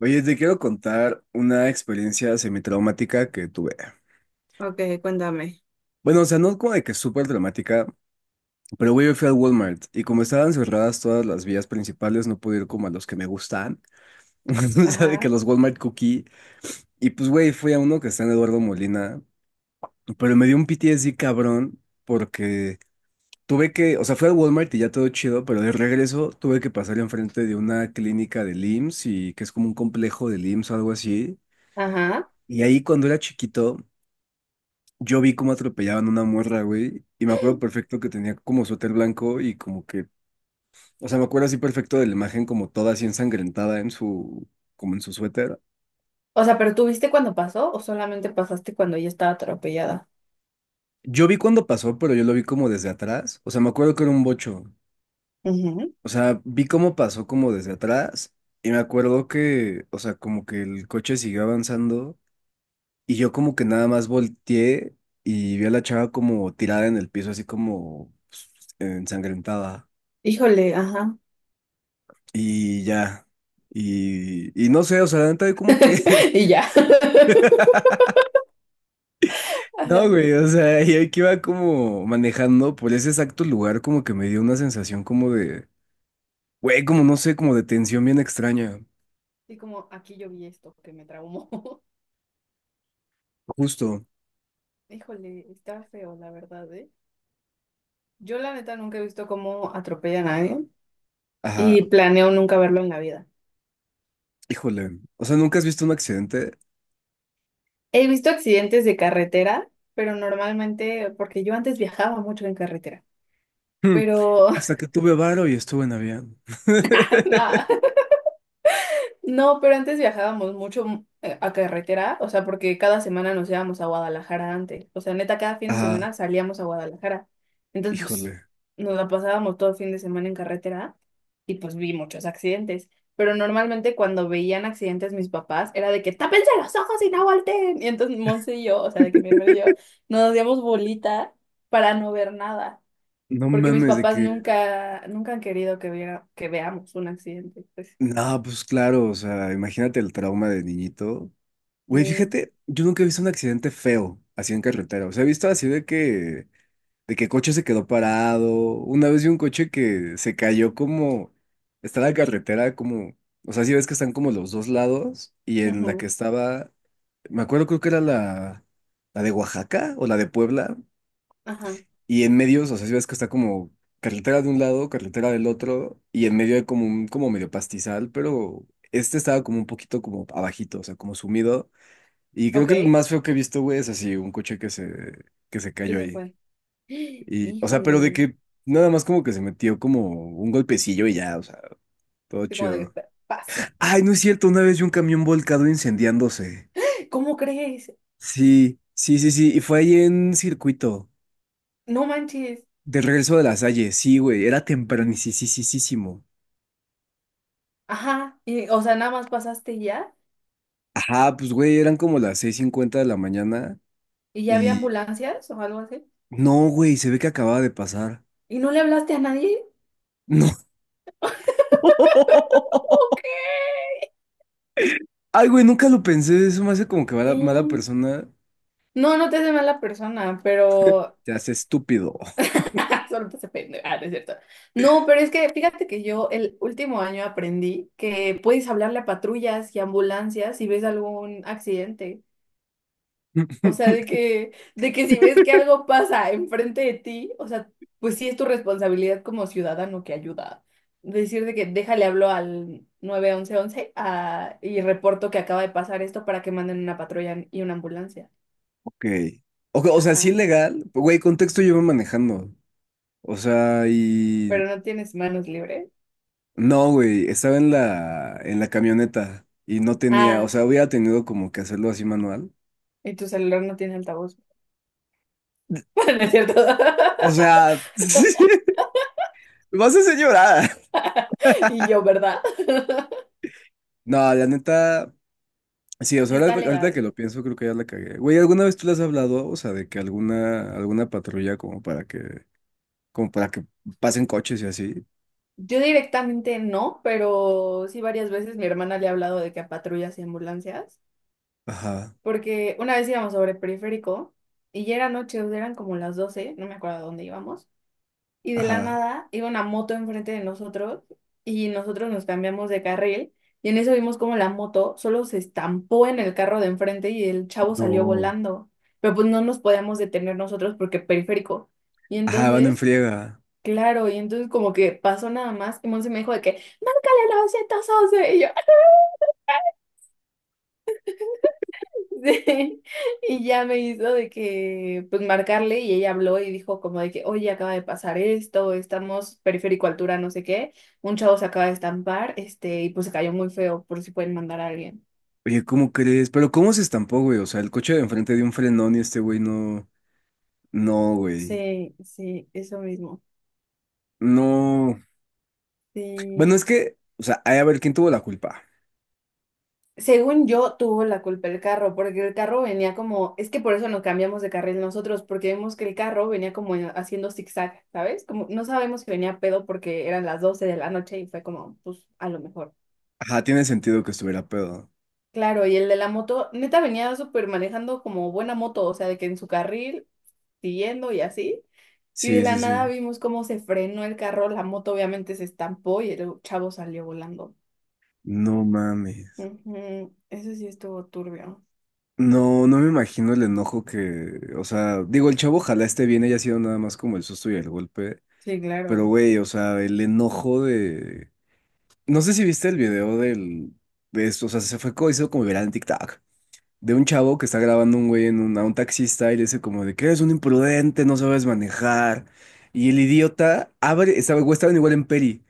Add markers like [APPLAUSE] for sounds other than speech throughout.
Oye, te quiero contar una experiencia semi-traumática que tuve. Ok, cuéntame. Bueno, o sea, no como de que súper traumática, pero güey, yo fui al Walmart y como estaban cerradas todas las vías principales, no pude ir como a los que me gustan. [LAUGHS] O sea, de que Ajá, los Walmart Cookie. Y pues, güey, fui a uno que está en Eduardo Molina, pero me dio un PTSD cabrón porque tuve que, o sea, fui al Walmart y ya todo chido, pero de regreso tuve que pasar enfrente de una clínica del IMSS y que es como un complejo del IMSS o algo así. ajá. Y ahí cuando era chiquito, yo vi cómo atropellaban una morra, güey, y me acuerdo perfecto que tenía como suéter blanco y como que, o sea, me acuerdo así perfecto de la imagen como toda así ensangrentada en su, como en su suéter. O sea, ¿pero tú viste cuando pasó o solamente pasaste cuando ella estaba atropellada? Yo vi cuando pasó, pero yo lo vi como desde atrás, o sea, me acuerdo que era un bocho, Ujú. o sea, vi cómo pasó como desde atrás y me acuerdo que, o sea, como que el coche siguió avanzando y yo como que nada más volteé y vi a la chava como tirada en el piso, así como pues, ensangrentada. Híjole, ajá. Y ya. Y no sé, o sea, la neta, como que. [LAUGHS] Y ya. [LAUGHS] [LAUGHS] Ajá. No, güey, o sea, y ahí que iba como manejando por ese exacto lugar, como que me dio una sensación como de. Güey, como no sé, como de tensión bien extraña. Y como aquí yo vi esto que me traumó. [LAUGHS] Justo. Híjole, está feo, la verdad, ¿eh? Yo la neta nunca he visto cómo atropella a nadie Ajá, y planeo nunca verlo en la vida. híjole. O sea, ¿nunca has visto un accidente? He visto accidentes de carretera, pero normalmente, porque yo antes viajaba mucho en carretera, Hmm. pero Hasta que tuve varo y estuve en avión. [LAUGHS] nada. [LAUGHS] No, pero antes viajábamos mucho a carretera, o sea, porque cada semana nos íbamos a Guadalajara antes. O sea, neta, cada fin de Ajá, semana salíamos a Guadalajara. Entonces, pues, híjole. nos la pasábamos todo el fin de semana en carretera y pues vi muchos accidentes. Pero normalmente cuando veían accidentes mis papás, era de que tápense los ojos y no volteen. Y entonces Monse y yo, o sea, de que mi hermano y yo, nos hacíamos bolita para no ver nada. No Porque mis mames, de papás que. nunca, nunca han querido que viera, que veamos un accidente. Pues No, pues claro, o sea, imagínate el trauma de niñito. Güey, sí. fíjate, yo nunca he visto un accidente feo así en carretera. O sea, he visto así de que coche se quedó parado. Una vez vi un coche que se cayó como, está la carretera como, o sea, si ves que están como los dos lados y en la que Ujú. estaba, me acuerdo creo que era la de Oaxaca o la de Puebla Ajá, y en medio, o sea, si ves que está como carretera de un lado, carretera del otro y en medio hay como un, como medio pastizal, pero este estaba como un poquito como abajito, o sea, como sumido. Y creo que el ok, más feo que he visto, güey, es así, un coche que se que cayó se ahí. fue. [GASPS] Y, o sea, pero de Híjole, que nada más como que se metió como un golpecillo y ya, o sea, todo estoy como de que chido. Paz". Ay, no es cierto, una vez vi un camión volcado incendiándose. ¿Cómo crees? Sí, sí, sí, sí, y fue ahí en circuito, No manches. de regreso de la Salle, sí, güey, era tempranisísimo. Ajá, y, o sea, nada más pasaste Ajá, pues, güey, eran como las 6:50 de la mañana y ya había y... ambulancias o algo así. No, güey, se ve que acababa de pasar. ¿Y no le hablaste a nadie? No. [LAUGHS] Ay, güey, nunca lo pensé. Eso me hace como que mala, mala Sí. persona No, no te hace mala persona, pero te hace estúpido. [LAUGHS] solo te hace pendeja, ah, no es cierto. No, pero es que fíjate que yo el último año aprendí que puedes hablarle a patrullas y ambulancias si ves algún accidente. O [LAUGHS] sea, de que si ves que algo pasa enfrente de ti, o sea, pues sí es tu responsabilidad como ciudadano que ayuda. Decir de que déjale hablo al 911 a, y reporto que acaba de pasar esto para que manden una patrulla y una ambulancia. Ok. O sea, sí Ajá. legal. Güey, contexto yo iba manejando. O sea, y... Pero no tienes manos libres. No, güey, estaba en la camioneta y no tenía... O Ah, sea, hubiera tenido como que hacerlo así manual. y tu celular no tiene altavoz. [LAUGHS] No es cierto. [LAUGHS] O sea, [LAUGHS] me vas a hacer llorar. Y yo, ¿verdad? No, la neta... Sí, o sea, Está ahorita que legal. lo pienso, creo que ya la cagué. Güey, ¿alguna vez tú le has hablado? O sea, de que alguna patrulla como para que... Como para que pasen coches y así. Yo directamente no, pero sí varias veces mi hermana le ha hablado de que a patrullas y ambulancias, Ajá, porque una vez íbamos sobre el periférico y ya era noche, o sea, eran como las 12, no me acuerdo a dónde íbamos, y de la ajá. nada iba una moto enfrente de nosotros y nosotros nos cambiamos de carril y en eso vimos como la moto solo se estampó en el carro de enfrente y el chavo salió No. volando, pero pues no nos podíamos detener nosotros porque periférico. Y Ajá, van en entonces, friega. claro, y entonces como que pasó nada más y Monse me dijo de que, márcale 911, y yo... Sí, y ya me hizo de que, pues, marcarle y ella habló y dijo como de que, oye, acaba de pasar esto, estamos periférico altura, no sé qué, un chavo se acaba de estampar, este, y pues se cayó muy feo, por si pueden mandar a alguien. Oye, ¿cómo crees? Pero ¿cómo se estampó, güey? O sea, el coche de enfrente dio un frenón y este güey no, no, güey, Sí, sí, eso mismo. no. Bueno, Sí. es que, o sea, hay a ver quién tuvo la culpa. Según yo, tuvo la culpa el carro, porque el carro venía como, es que por eso nos cambiamos de carril nosotros, porque vimos que el carro venía como haciendo zigzag, ¿sabes? Como no sabemos que venía pedo porque eran las 12 de la noche y fue como, pues a lo mejor. Ajá, tiene sentido que estuviera pedo. Claro, y el de la moto, neta venía súper manejando como buena moto, o sea, de que en su carril, siguiendo y así. Y de Sí, la sí, nada sí. vimos cómo se frenó el carro, la moto obviamente se estampó y el chavo salió volando. No mames. Ujú, eso sí estuvo turbio. No, no me imagino el enojo que, o sea, digo, el chavo ojalá esté bien, haya sido nada más como el susto y el golpe, Sí, pero claro. güey, o sea, el enojo de... No sé si viste el video de esto, o sea, se fue hizo como viral en TikTok, de un chavo que está grabando un güey a un taxista y le dice como de que eres un imprudente, no sabes manejar. Y el idiota abre, estaba, güey, estaban igual en Peri,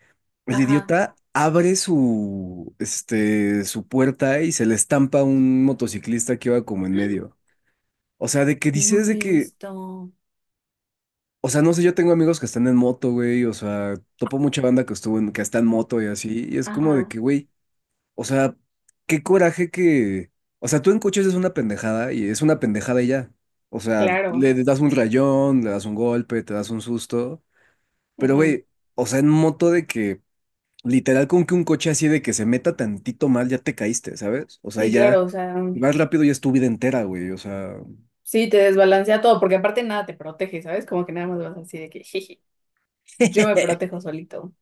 el Ajá. idiota abre su, este, su puerta y se le estampa a un motociclista que iba como en medio. O sea, de que No dices lo de he que, visto. o sea, no sé, yo tengo amigos que están en moto, güey, o sea, topo mucha banda que estuvo en, que está en moto y así, y es como de Ajá, que, güey. O sea, qué coraje que. O sea, tú en coches es una pendejada y es una pendejada y ya. O sea, le claro. das un rayón, le das un golpe, te das un susto. Pero, Ujú. güey, o sea, en moto de que literal con que un coche así de que se meta tantito mal, ya te caíste, ¿sabes? O sea, Sí, ya claro, o sea, vas rápido y es tu vida entera, güey. O sea. sí, te desbalancea todo, porque aparte nada te protege, ¿sabes? Como que nada más vas así de que, jeje, yo me [LAUGHS] protejo solito.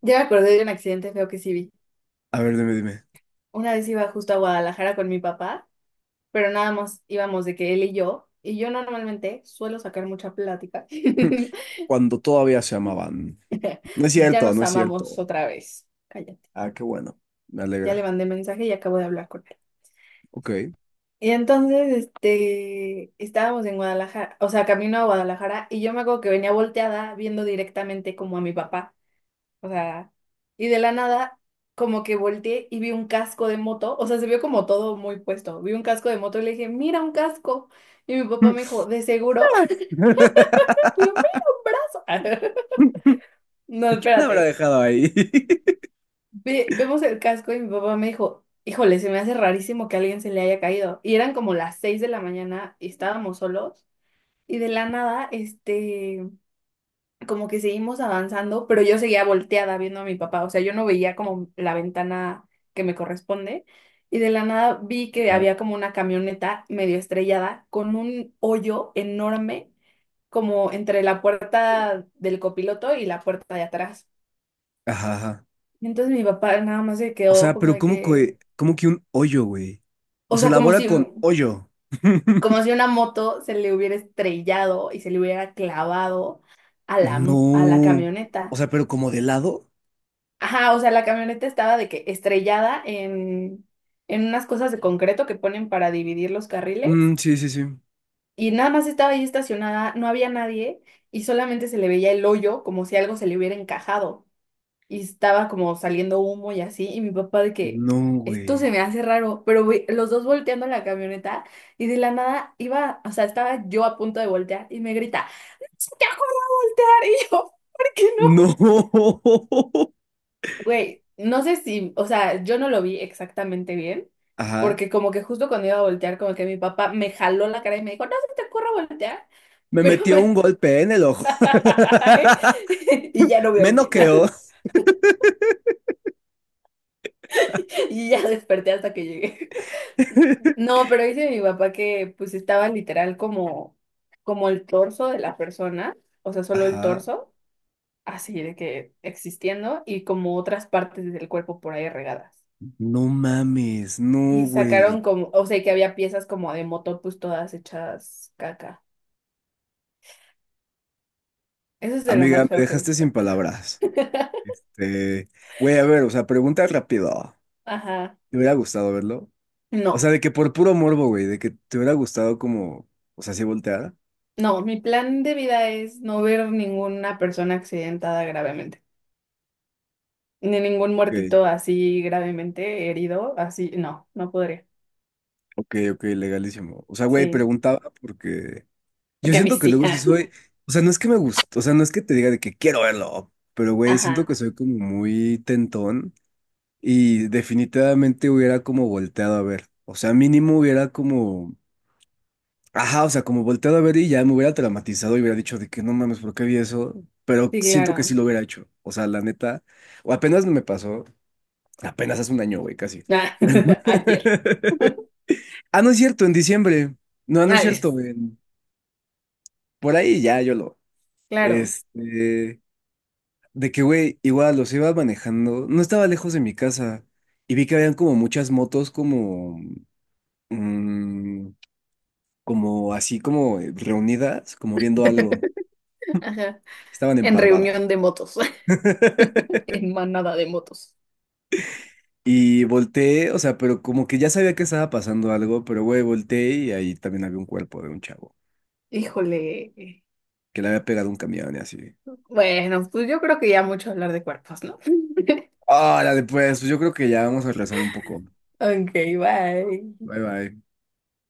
Ya me acordé de un accidente feo que sí vi. A ver, dime, dime. Una vez iba justo a Guadalajara con mi papá, pero nada más íbamos de que él y yo normalmente suelo sacar mucha plática. [LAUGHS] [LAUGHS] Cuando todavía se amaban. No es Ya cierto, nos no es amamos cierto. otra vez. Cállate. Ah, qué bueno. Me Ya le alegra. mandé mensaje y acabo de hablar con él. Ok. Y entonces, este, estábamos en Guadalajara, o sea, camino a Guadalajara, y yo me acuerdo que venía volteada viendo directamente como a mi papá. O sea, y de la nada, como que volteé y vi un casco de moto. O sea, se vio como todo muy puesto. Vi un casco de moto y le dije, mira, un casco. Y mi papá me dijo, ¿de seguro? [LAUGHS] Y yo, [LAUGHS] mira, un brazo. [LAUGHS] [LAUGHS] No, ¿Quién la habrá espérate. dejado ahí? [LAUGHS] Vemos el casco y mi papá me dijo, híjole, se me hace rarísimo que a alguien se le haya caído. Y eran como las 6 de la mañana y estábamos solos. Y de la nada, este, como que seguimos avanzando, pero yo seguía volteada viendo a mi papá, o sea, yo no veía como la ventana que me corresponde. Y de la nada vi que Ajá. había como una camioneta medio estrellada con un hoyo enorme como entre la puerta del copiloto y la puerta de atrás. Ajá. Y entonces mi papá nada más se O quedó sea, como pero de que, cómo que un hoyo, güey? O o se sea, elabora con hoyo. [LAUGHS] como si una moto se le hubiera estrellado y se le hubiera clavado a la, a la No. O camioneta. sea, pero como de lado. Ajá, o sea, la camioneta estaba de que estrellada en unas cosas de concreto que ponen para dividir los carriles Mm, sí, sí, sí. y nada más estaba ahí estacionada, no había nadie y solamente se le veía el hoyo como si algo se le hubiera encajado y estaba como saliendo humo y así y mi papá de que No, esto güey. se me hace raro, pero güey, los dos volteando la camioneta y de la nada iba, o sea, estaba yo a punto de voltear y me grita, "¡No se te ocurra voltear!" Y yo, ¿por qué no? No. [LAUGHS] Güey, no sé si, o sea, yo no lo vi exactamente bien, Ajá. porque como que justo cuando iba a voltear, como que mi papá me jaló la cara y me dijo, no se te ocurra voltear, Me pero metió un me... golpe en el ojo. [LAUGHS] Y ya [LAUGHS] no veo Me bien. noqueó. [LAUGHS] Y ya desperté hasta que llegué. [LAUGHS] No, pero dice mi papá que pues estaba literal como, como el torso de la persona, o sea, solo el Ajá. torso, así de que existiendo, y como otras partes del cuerpo por ahí regadas. No mames. No, Y güey. sacaron como, o sea, que había piezas como de moto, pues todas hechas caca. Eso es de lo Amiga, más me feo que he dejaste sin visto. palabras. Este. Güey, a ver, o sea, pregunta rápido. Ajá. ¿Me hubiera gustado verlo? O sea, No, de que por puro morbo, güey, de que te hubiera gustado como, o sea, si volteara. no, mi plan de vida es no ver ninguna persona accidentada gravemente, ni ningún Ok, muertito así gravemente herido, así, no, no podría. ok, ok, legalísimo. O sea, güey, Sí, preguntaba porque yo porque a mí siento que sí. luego sí soy, o sea, no es que me guste, o sea, no es que te diga de que quiero verlo, pero [LAUGHS] güey, siento Ajá, que soy como muy tentón y definitivamente hubiera como volteado a ver. O sea, mínimo hubiera como Ajá, o sea, como volteado a ver y ya me hubiera traumatizado y hubiera dicho de que no mames, ¿por qué vi eso? Pero sí, siento que sí claro. lo hubiera hecho. O sea, la neta, o apenas me pasó, apenas hace un año, güey, casi. Ah, [LAUGHS] ayer. [LAUGHS] Ah, no es cierto, en diciembre. No, no es Ay, cierto, por ahí ya yo lo. claro. Este, de que, güey, igual los iba manejando, no estaba lejos de mi casa y vi que habían como muchas motos como, mm, como así como reunidas, como viendo algo. [LAUGHS] Ajá. Estaban en En parvada. reunión de motos, [LAUGHS] [LAUGHS] en manada de motos. Y volteé, o sea, pero como que ya sabía que estaba pasando algo, pero güey, volteé y ahí también había un cuerpo de un chavo Híjole. que le había pegado un camión y así. Bueno, pues yo creo que ya mucho hablar de cuerpos, ¿no? [LAUGHS] Órale, pues, pues yo creo que ya vamos a rezar un poco. Ok, bye. Bye bye.